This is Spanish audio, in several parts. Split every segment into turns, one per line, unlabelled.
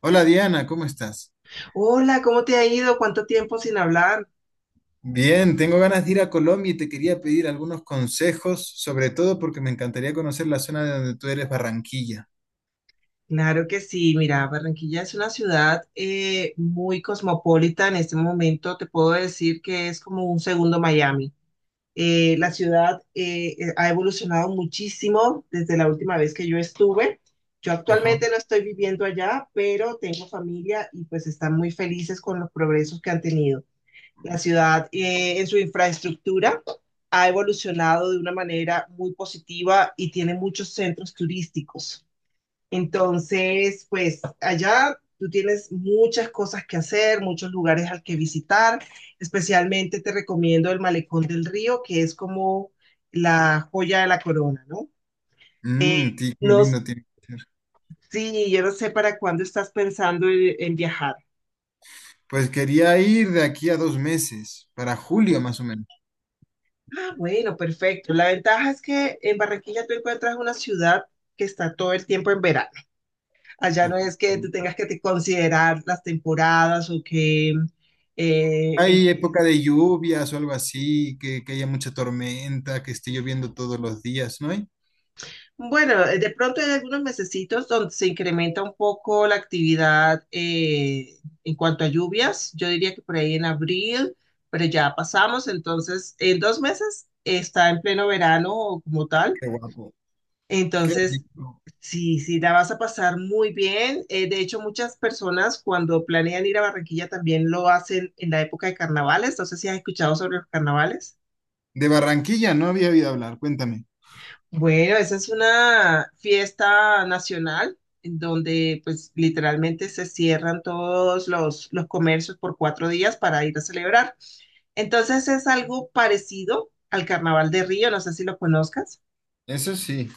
Hola Diana, ¿cómo estás?
Hola, ¿cómo te ha ido? ¿Cuánto tiempo sin hablar?
Bien, tengo ganas de ir a Colombia y te quería pedir algunos consejos, sobre todo porque me encantaría conocer la zona de donde tú eres, Barranquilla.
Claro que sí, mira, Barranquilla es una ciudad muy cosmopolita en este momento, te puedo decir que es como un segundo Miami. La ciudad ha evolucionado muchísimo desde la última vez que yo estuve. Yo
Ajá.
actualmente no estoy viviendo allá, pero tengo familia y pues están muy felices con los progresos que han tenido. La ciudad en su infraestructura ha evolucionado de una manera muy positiva y tiene muchos centros turísticos. Entonces, pues allá tú tienes muchas cosas que hacer, muchos lugares al que visitar. Especialmente te recomiendo el Malecón del Río, que es como la joya de la corona, ¿no?
Mm,
Eh,
qué
no,
lindo tiene que ser.
sí, yo no sé para cuándo estás pensando en viajar.
Pues quería ir de aquí a dos meses, para julio más o menos.
Bueno, perfecto. La ventaja es que en Barranquilla tú encuentras una ciudad que está todo el tiempo en verano. Allá no
Ajá.
es que tú tengas que te considerar las temporadas o que en
¿Hay
qué
época de
estación.
lluvias o algo así, que haya mucha tormenta, que esté lloviendo todos los días, no hay?
Bueno, de pronto hay algunos mesecitos donde se incrementa un poco la actividad en cuanto a lluvias. Yo diría que por ahí en abril, pero ya pasamos. Entonces, en 2 meses está en pleno verano como tal.
Qué guapo. Qué
Entonces,
rico.
Sí, sí, la vas a pasar muy bien. De hecho, muchas personas cuando planean ir a Barranquilla también lo hacen en la época de carnavales. No sé si has escuchado sobre los carnavales.
De Barranquilla no había oído hablar, cuéntame.
Bueno, esa es una fiesta nacional en donde pues literalmente se cierran todos los comercios por 4 días para ir a celebrar. Entonces es algo parecido al Carnaval de Río, no sé si lo conozcas.
Eso sí.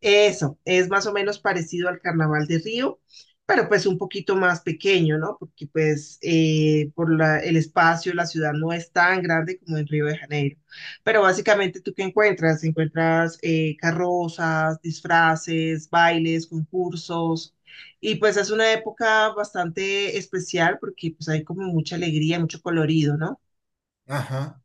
Eso, es más o menos parecido al Carnaval de Río, pero pues un poquito más pequeño, ¿no? Porque pues el espacio, la ciudad no es tan grande como en Río de Janeiro. Pero básicamente, ¿tú qué encuentras? Encuentras carrozas, disfraces, bailes, concursos. Y pues es una época bastante especial porque pues hay como mucha alegría, mucho colorido, ¿no?
Ajá.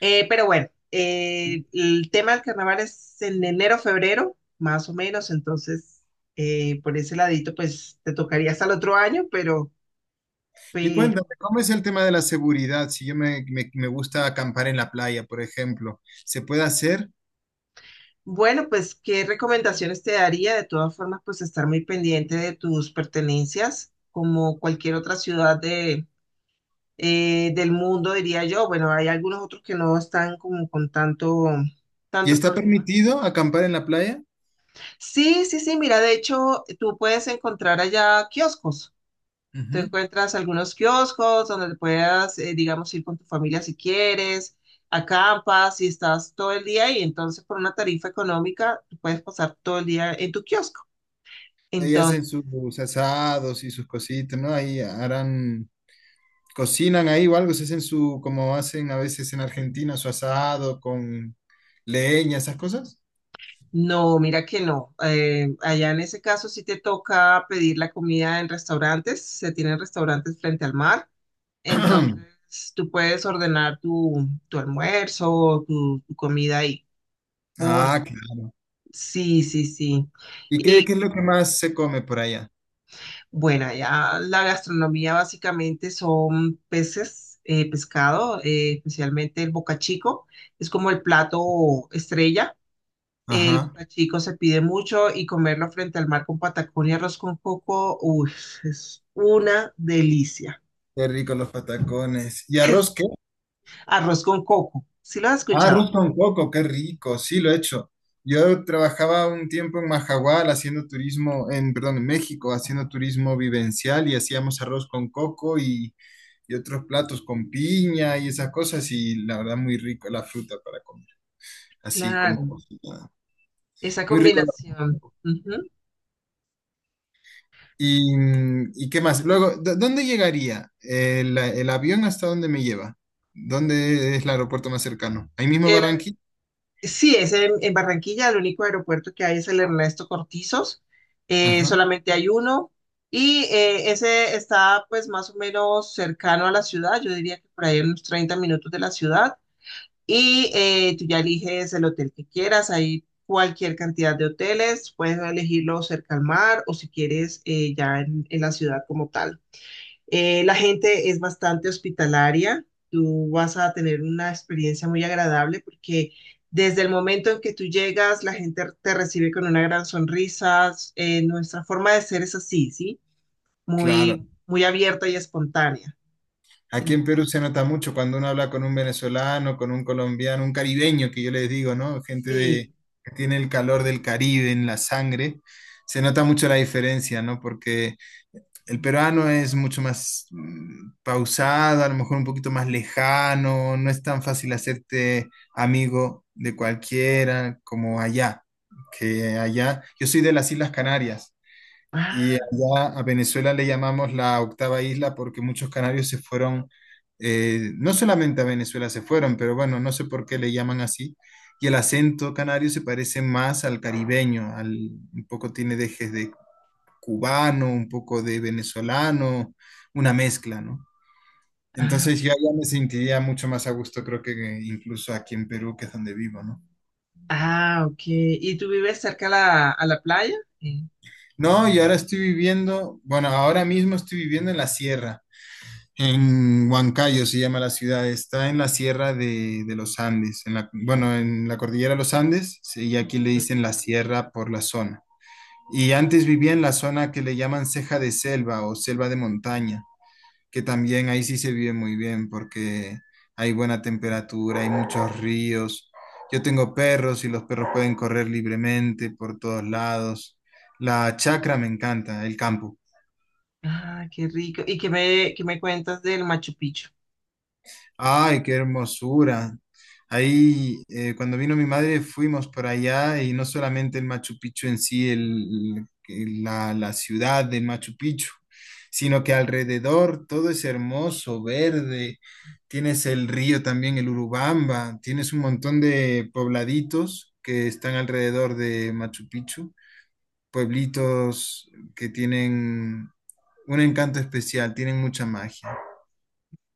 Pero bueno, el tema del carnaval es en enero, febrero, más o menos, entonces por ese ladito, pues te tocaría hasta el otro año, pero,
Y
pero
cuéntame, ¿cómo es el tema de la seguridad? Si yo me, me- Me gusta acampar en la playa, por ejemplo, ¿se puede hacer?
bueno, pues qué recomendaciones te daría. De todas formas, pues estar muy pendiente de tus pertenencias, como cualquier otra ciudad del mundo, diría yo. Bueno, hay algunos otros que no están como con tanto,
¿Y
tanto
está
problema.
permitido acampar en la playa?
Sí, sí, sí, mira, de hecho, tú puedes encontrar allá kioscos. Te
Ujú.
encuentras algunos kioscos donde puedas, digamos, ir con tu familia si quieres, acampas y estás todo el día y entonces por una tarifa económica tú puedes pasar todo el día en tu kiosco.
Ahí hacen
Entonces,
sus asados y sus cositas, ¿no? Ahí harán, cocinan ahí o algo, se hacen su, como hacen a veces en Argentina, su asado con leña, esas cosas.
no, mira que no. Allá en ese caso sí te toca pedir la comida en restaurantes, se tienen restaurantes frente al mar, entonces tú puedes ordenar tu almuerzo, tu comida ahí. Por,
Ah, claro.
sí, sí, sí.
¿Y qué
Y
es lo que más se come por allá?
Bueno, ya la gastronomía básicamente son peces, pescado, especialmente el bocachico. Es como el plato estrella. El
Ajá.
bocachico se pide mucho y comerlo frente al mar con patacón y arroz con coco, uy, es una delicia.
Qué rico los patacones. ¿Y
Es
arroz qué?
Arroz con coco, ¿sí lo has
Ah,
escuchado?
arroz con coco, qué rico, sí lo he hecho. Yo trabajaba un tiempo en Majagual haciendo turismo, en, perdón, en México, haciendo turismo vivencial y hacíamos arroz con coco y otros platos con piña y esas cosas y la verdad muy rico la fruta para comer, así como
Claro,
cocinada.
esa
Muy rico.
combinación. Ujú.
¿Y, y qué más? Luego, ¿dónde llegaría? El avión hasta dónde me lleva? ¿Dónde es el aeropuerto más cercano? ¿Ahí mismo Barranquilla?
Sí, es en Barranquilla, el único aeropuerto que hay es el Ernesto Cortizos,
Ajá.
solamente hay uno y ese está pues más o menos cercano a la ciudad, yo diría que por ahí unos 30 minutos de la ciudad y tú ya eliges el hotel que quieras, hay cualquier cantidad de hoteles, puedes elegirlo cerca al mar o si quieres ya en la ciudad como tal. La gente es bastante hospitalaria. Tú vas a tener una experiencia muy agradable porque desde el momento en que tú llegas, la gente te recibe con una gran sonrisa. Nuestra forma de ser es así, ¿sí?
Claro.
Muy, muy abierta y espontánea.
Aquí en Perú se nota mucho cuando uno habla con un venezolano, con un colombiano, un caribeño, que yo les digo, ¿no? Gente
Y,
de, que tiene el calor del Caribe en la sangre. Se nota mucho la diferencia, ¿no? Porque el peruano es mucho más mm, pausado, a lo mejor un poquito más lejano, no es tan fácil hacerte amigo de cualquiera como allá, que allá. Yo soy de las Islas Canarias. Y
ah,
allá a Venezuela le llamamos la octava isla porque muchos canarios se fueron, no solamente a Venezuela se fueron, pero bueno, no sé por qué le llaman así. Y el acento canario se parece más al caribeño, al, un poco tiene dejes de cubano, un poco de venezolano, una mezcla, ¿no?
ah,
Entonces yo allá me sentiría mucho más a gusto, creo que incluso aquí en Perú, que es donde vivo, ¿no?
ok. ¿Y tú vives cerca a la playa? Sí.
No, y ahora estoy viviendo, bueno, ahora mismo estoy viviendo en la sierra. En Huancayo se llama la ciudad, está en la sierra de los Andes, en la, bueno, en la cordillera de los Andes, sí, y aquí le dicen la sierra por la zona. Y antes vivía en la zona que le llaman ceja de selva o selva de montaña, que también ahí sí se vive muy bien porque hay buena temperatura, hay muchos ríos. Yo tengo perros y los perros pueden correr libremente por todos lados. La chacra me encanta, el campo.
Ah, qué rico. ¿Y qué me cuentas del Machu Picchu?
Ay, qué hermosura. Ahí, cuando vino mi madre, fuimos por allá y no solamente el Machu Picchu en sí, la ciudad del Machu Picchu, sino que alrededor todo es hermoso, verde. Tienes el río también, el Urubamba, tienes un montón de pobladitos que están alrededor de Machu Picchu, pueblitos que tienen un encanto especial, tienen mucha magia.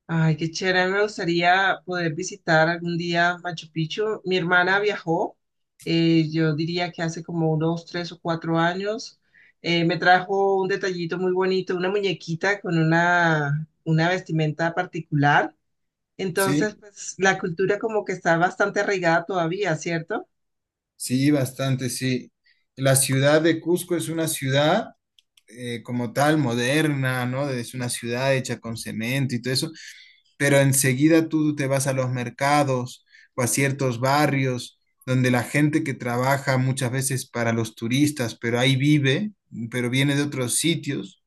Ay, qué chévere, a mí me gustaría poder visitar algún día Machu Picchu. Mi hermana viajó, yo diría que hace como unos 3 o 4 años. Me trajo un detallito muy bonito, una muñequita con una vestimenta particular.
¿Sí?
Entonces, pues la cultura como que está bastante arraigada todavía, ¿cierto?
Sí, bastante, sí. La ciudad de Cusco es una ciudad como tal, moderna, ¿no? Es una ciudad hecha con cemento y todo eso, pero enseguida tú te vas a los mercados o a ciertos barrios donde la gente que trabaja muchas veces para los turistas, pero ahí vive, pero viene de otros sitios.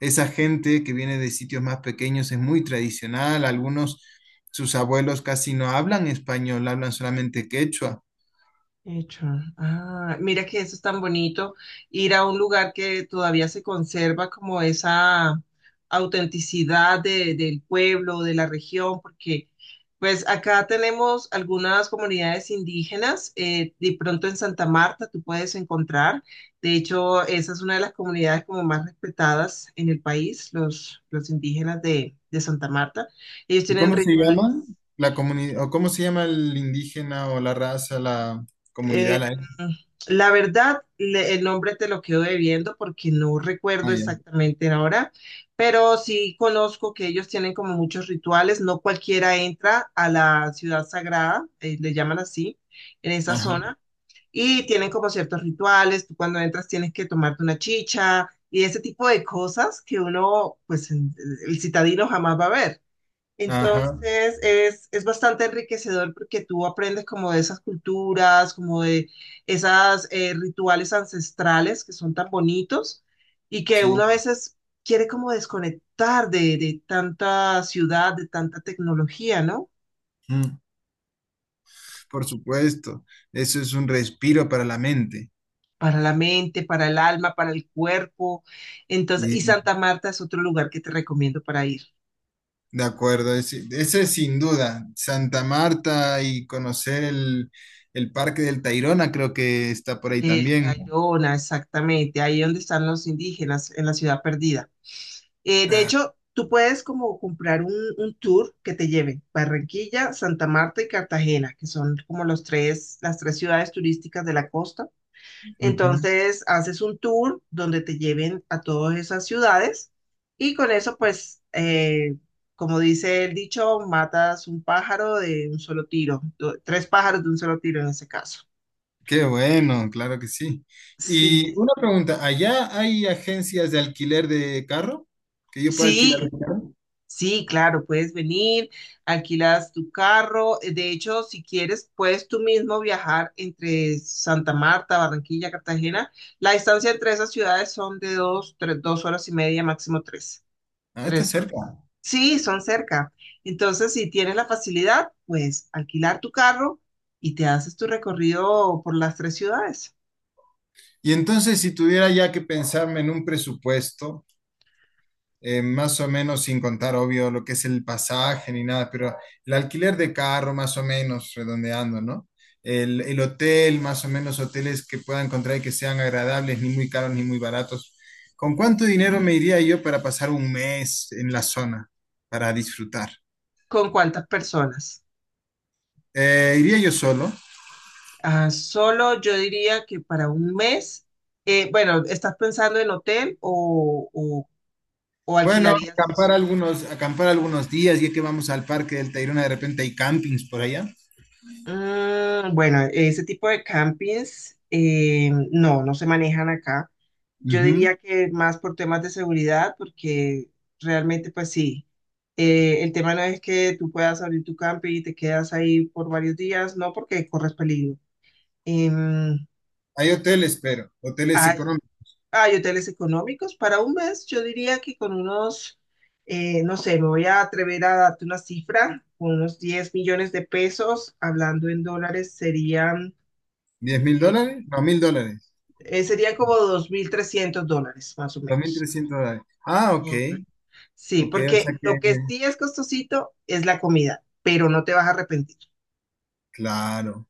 Esa gente que viene de sitios más pequeños es muy tradicional. Algunos, sus abuelos casi no hablan español, hablan solamente quechua.
Hecho. Ah, mira que eso es tan bonito, ir a un lugar que todavía se conserva como esa autenticidad del pueblo, de la región, porque pues acá tenemos algunas comunidades indígenas, de pronto en Santa Marta tú puedes encontrar, de hecho esa es una de las comunidades como más respetadas en el país, los indígenas de Santa Marta, ellos
¿Y
tienen
cómo se
rituales.
llama la comunidad, o cómo se llama el indígena o la raza, la comunidad,
Eh,
la etnia?
la verdad, el nombre te lo quedo debiendo porque no
Ah,
recuerdo
ya.
exactamente ahora, pero sí conozco que ellos tienen como muchos rituales. No cualquiera entra a la ciudad sagrada, le llaman así, en esa
Ajá,
zona, y tienen como ciertos rituales. Tú cuando entras tienes que tomarte una chicha y ese tipo de cosas que uno, pues el citadino jamás va a ver.
ajá,
Entonces es bastante enriquecedor porque tú aprendes como de esas culturas, como de esas rituales ancestrales que son tan bonitos y que uno
sí,
a veces quiere como desconectar de tanta ciudad, de tanta tecnología, ¿no?
mm, por supuesto. Eso es un respiro para la mente.
Para la mente, para el alma, para el cuerpo. Entonces,
Y,
y Santa Marta es otro lugar que te recomiendo para ir.
de acuerdo, ese es sin duda. Santa Marta y conocer el Parque del Tayrona creo que está por ahí
El
también.
Tayrona, exactamente, ahí donde están los indígenas, en la ciudad perdida. De
Ah,
hecho, tú puedes como comprar un tour que te lleve Barranquilla, Santa Marta y Cartagena, que son como las tres ciudades turísticas de la costa.
ujú.
Entonces, haces un tour donde te lleven a todas esas ciudades y con eso, pues, como dice el dicho, matas un pájaro de un solo tiro, tres pájaros de un solo tiro en ese caso.
Qué bueno, claro que sí. Y
Sí,
una pregunta, ¿allá hay agencias de alquiler de carro? ¿Que yo pueda alquilar
sí,
mi carro?
sí, claro, puedes venir, alquilas tu carro. De hecho, si quieres, puedes tú mismo viajar entre Santa Marta, Barranquilla, Cartagena. La distancia entre esas ciudades son de dos, tres, dos horas y media, máximo tres,
Ah, está
tres
cerca.
horas. Sí, son cerca. Entonces, si tienes la facilidad, pues alquilar tu carro y te haces tu recorrido por las tres ciudades.
Y entonces, si tuviera ya que pensarme en un presupuesto, más o menos sin contar, obvio, lo que es el pasaje ni nada, pero el alquiler de carro, más o menos, redondeando, ¿no? El hotel, más o menos, hoteles que pueda encontrar y que sean agradables, ni muy caros ni muy baratos. ¿Con cuánto dinero me iría yo para pasar un mes en la zona para disfrutar?
¿Con cuántas personas?
Iría yo solo.
Ah, solo yo diría que para un mes, bueno, ¿estás pensando en hotel o, o
Bueno,
alquilarías?
acampar algunos días, ya que vamos al parque del Tayrona, de repente hay campings por allá.
Mm, bueno, ese tipo de campings no, no se manejan acá. Yo
Ujú.
diría que más por temas de seguridad, porque realmente pues sí, el tema no es que tú puedas abrir tu camping y te quedas ahí por varios días, no, porque corres peligro. Em,
Hay hoteles, pero hoteles
ay,
económicos.
Hay hoteles económicos para un mes, yo diría que con unos, no sé, me voy a atrever a darte una cifra, con unos 10 millones de pesos, hablando en dólares,
diez mil
eh,
dólares? No, $1,000.
serían como 2.300 dólares, más o
También
menos.
$300. Ah, ok.
Correcto. Sí,
Ok, o sea
porque
que,
lo que sí es costosito es la comida, pero no te vas a arrepentir.
claro.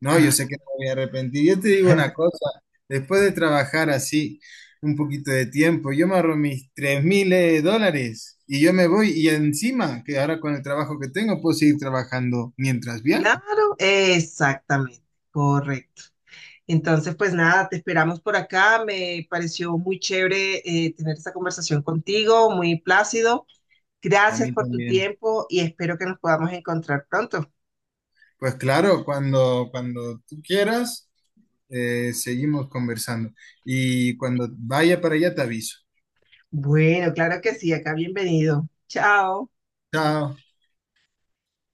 No, yo sé
Ay,
que no me voy a arrepentir. Yo te digo una cosa, después de trabajar así un poquito de tiempo, yo me ahorro mis 3 mil dólares y yo me voy y encima, que ahora con el trabajo que tengo, puedo seguir trabajando mientras viajo.
claro, exactamente, correcto. Entonces, pues nada, te esperamos por acá. Me pareció muy chévere tener esta conversación contigo, muy plácido.
A
Gracias
mí
por tu
también.
tiempo y espero que nos podamos encontrar pronto.
Pues claro, cuando tú quieras, seguimos conversando. Y cuando vaya para allá, te aviso.
Bueno, claro que sí, acá bienvenido. Chao.
Chao.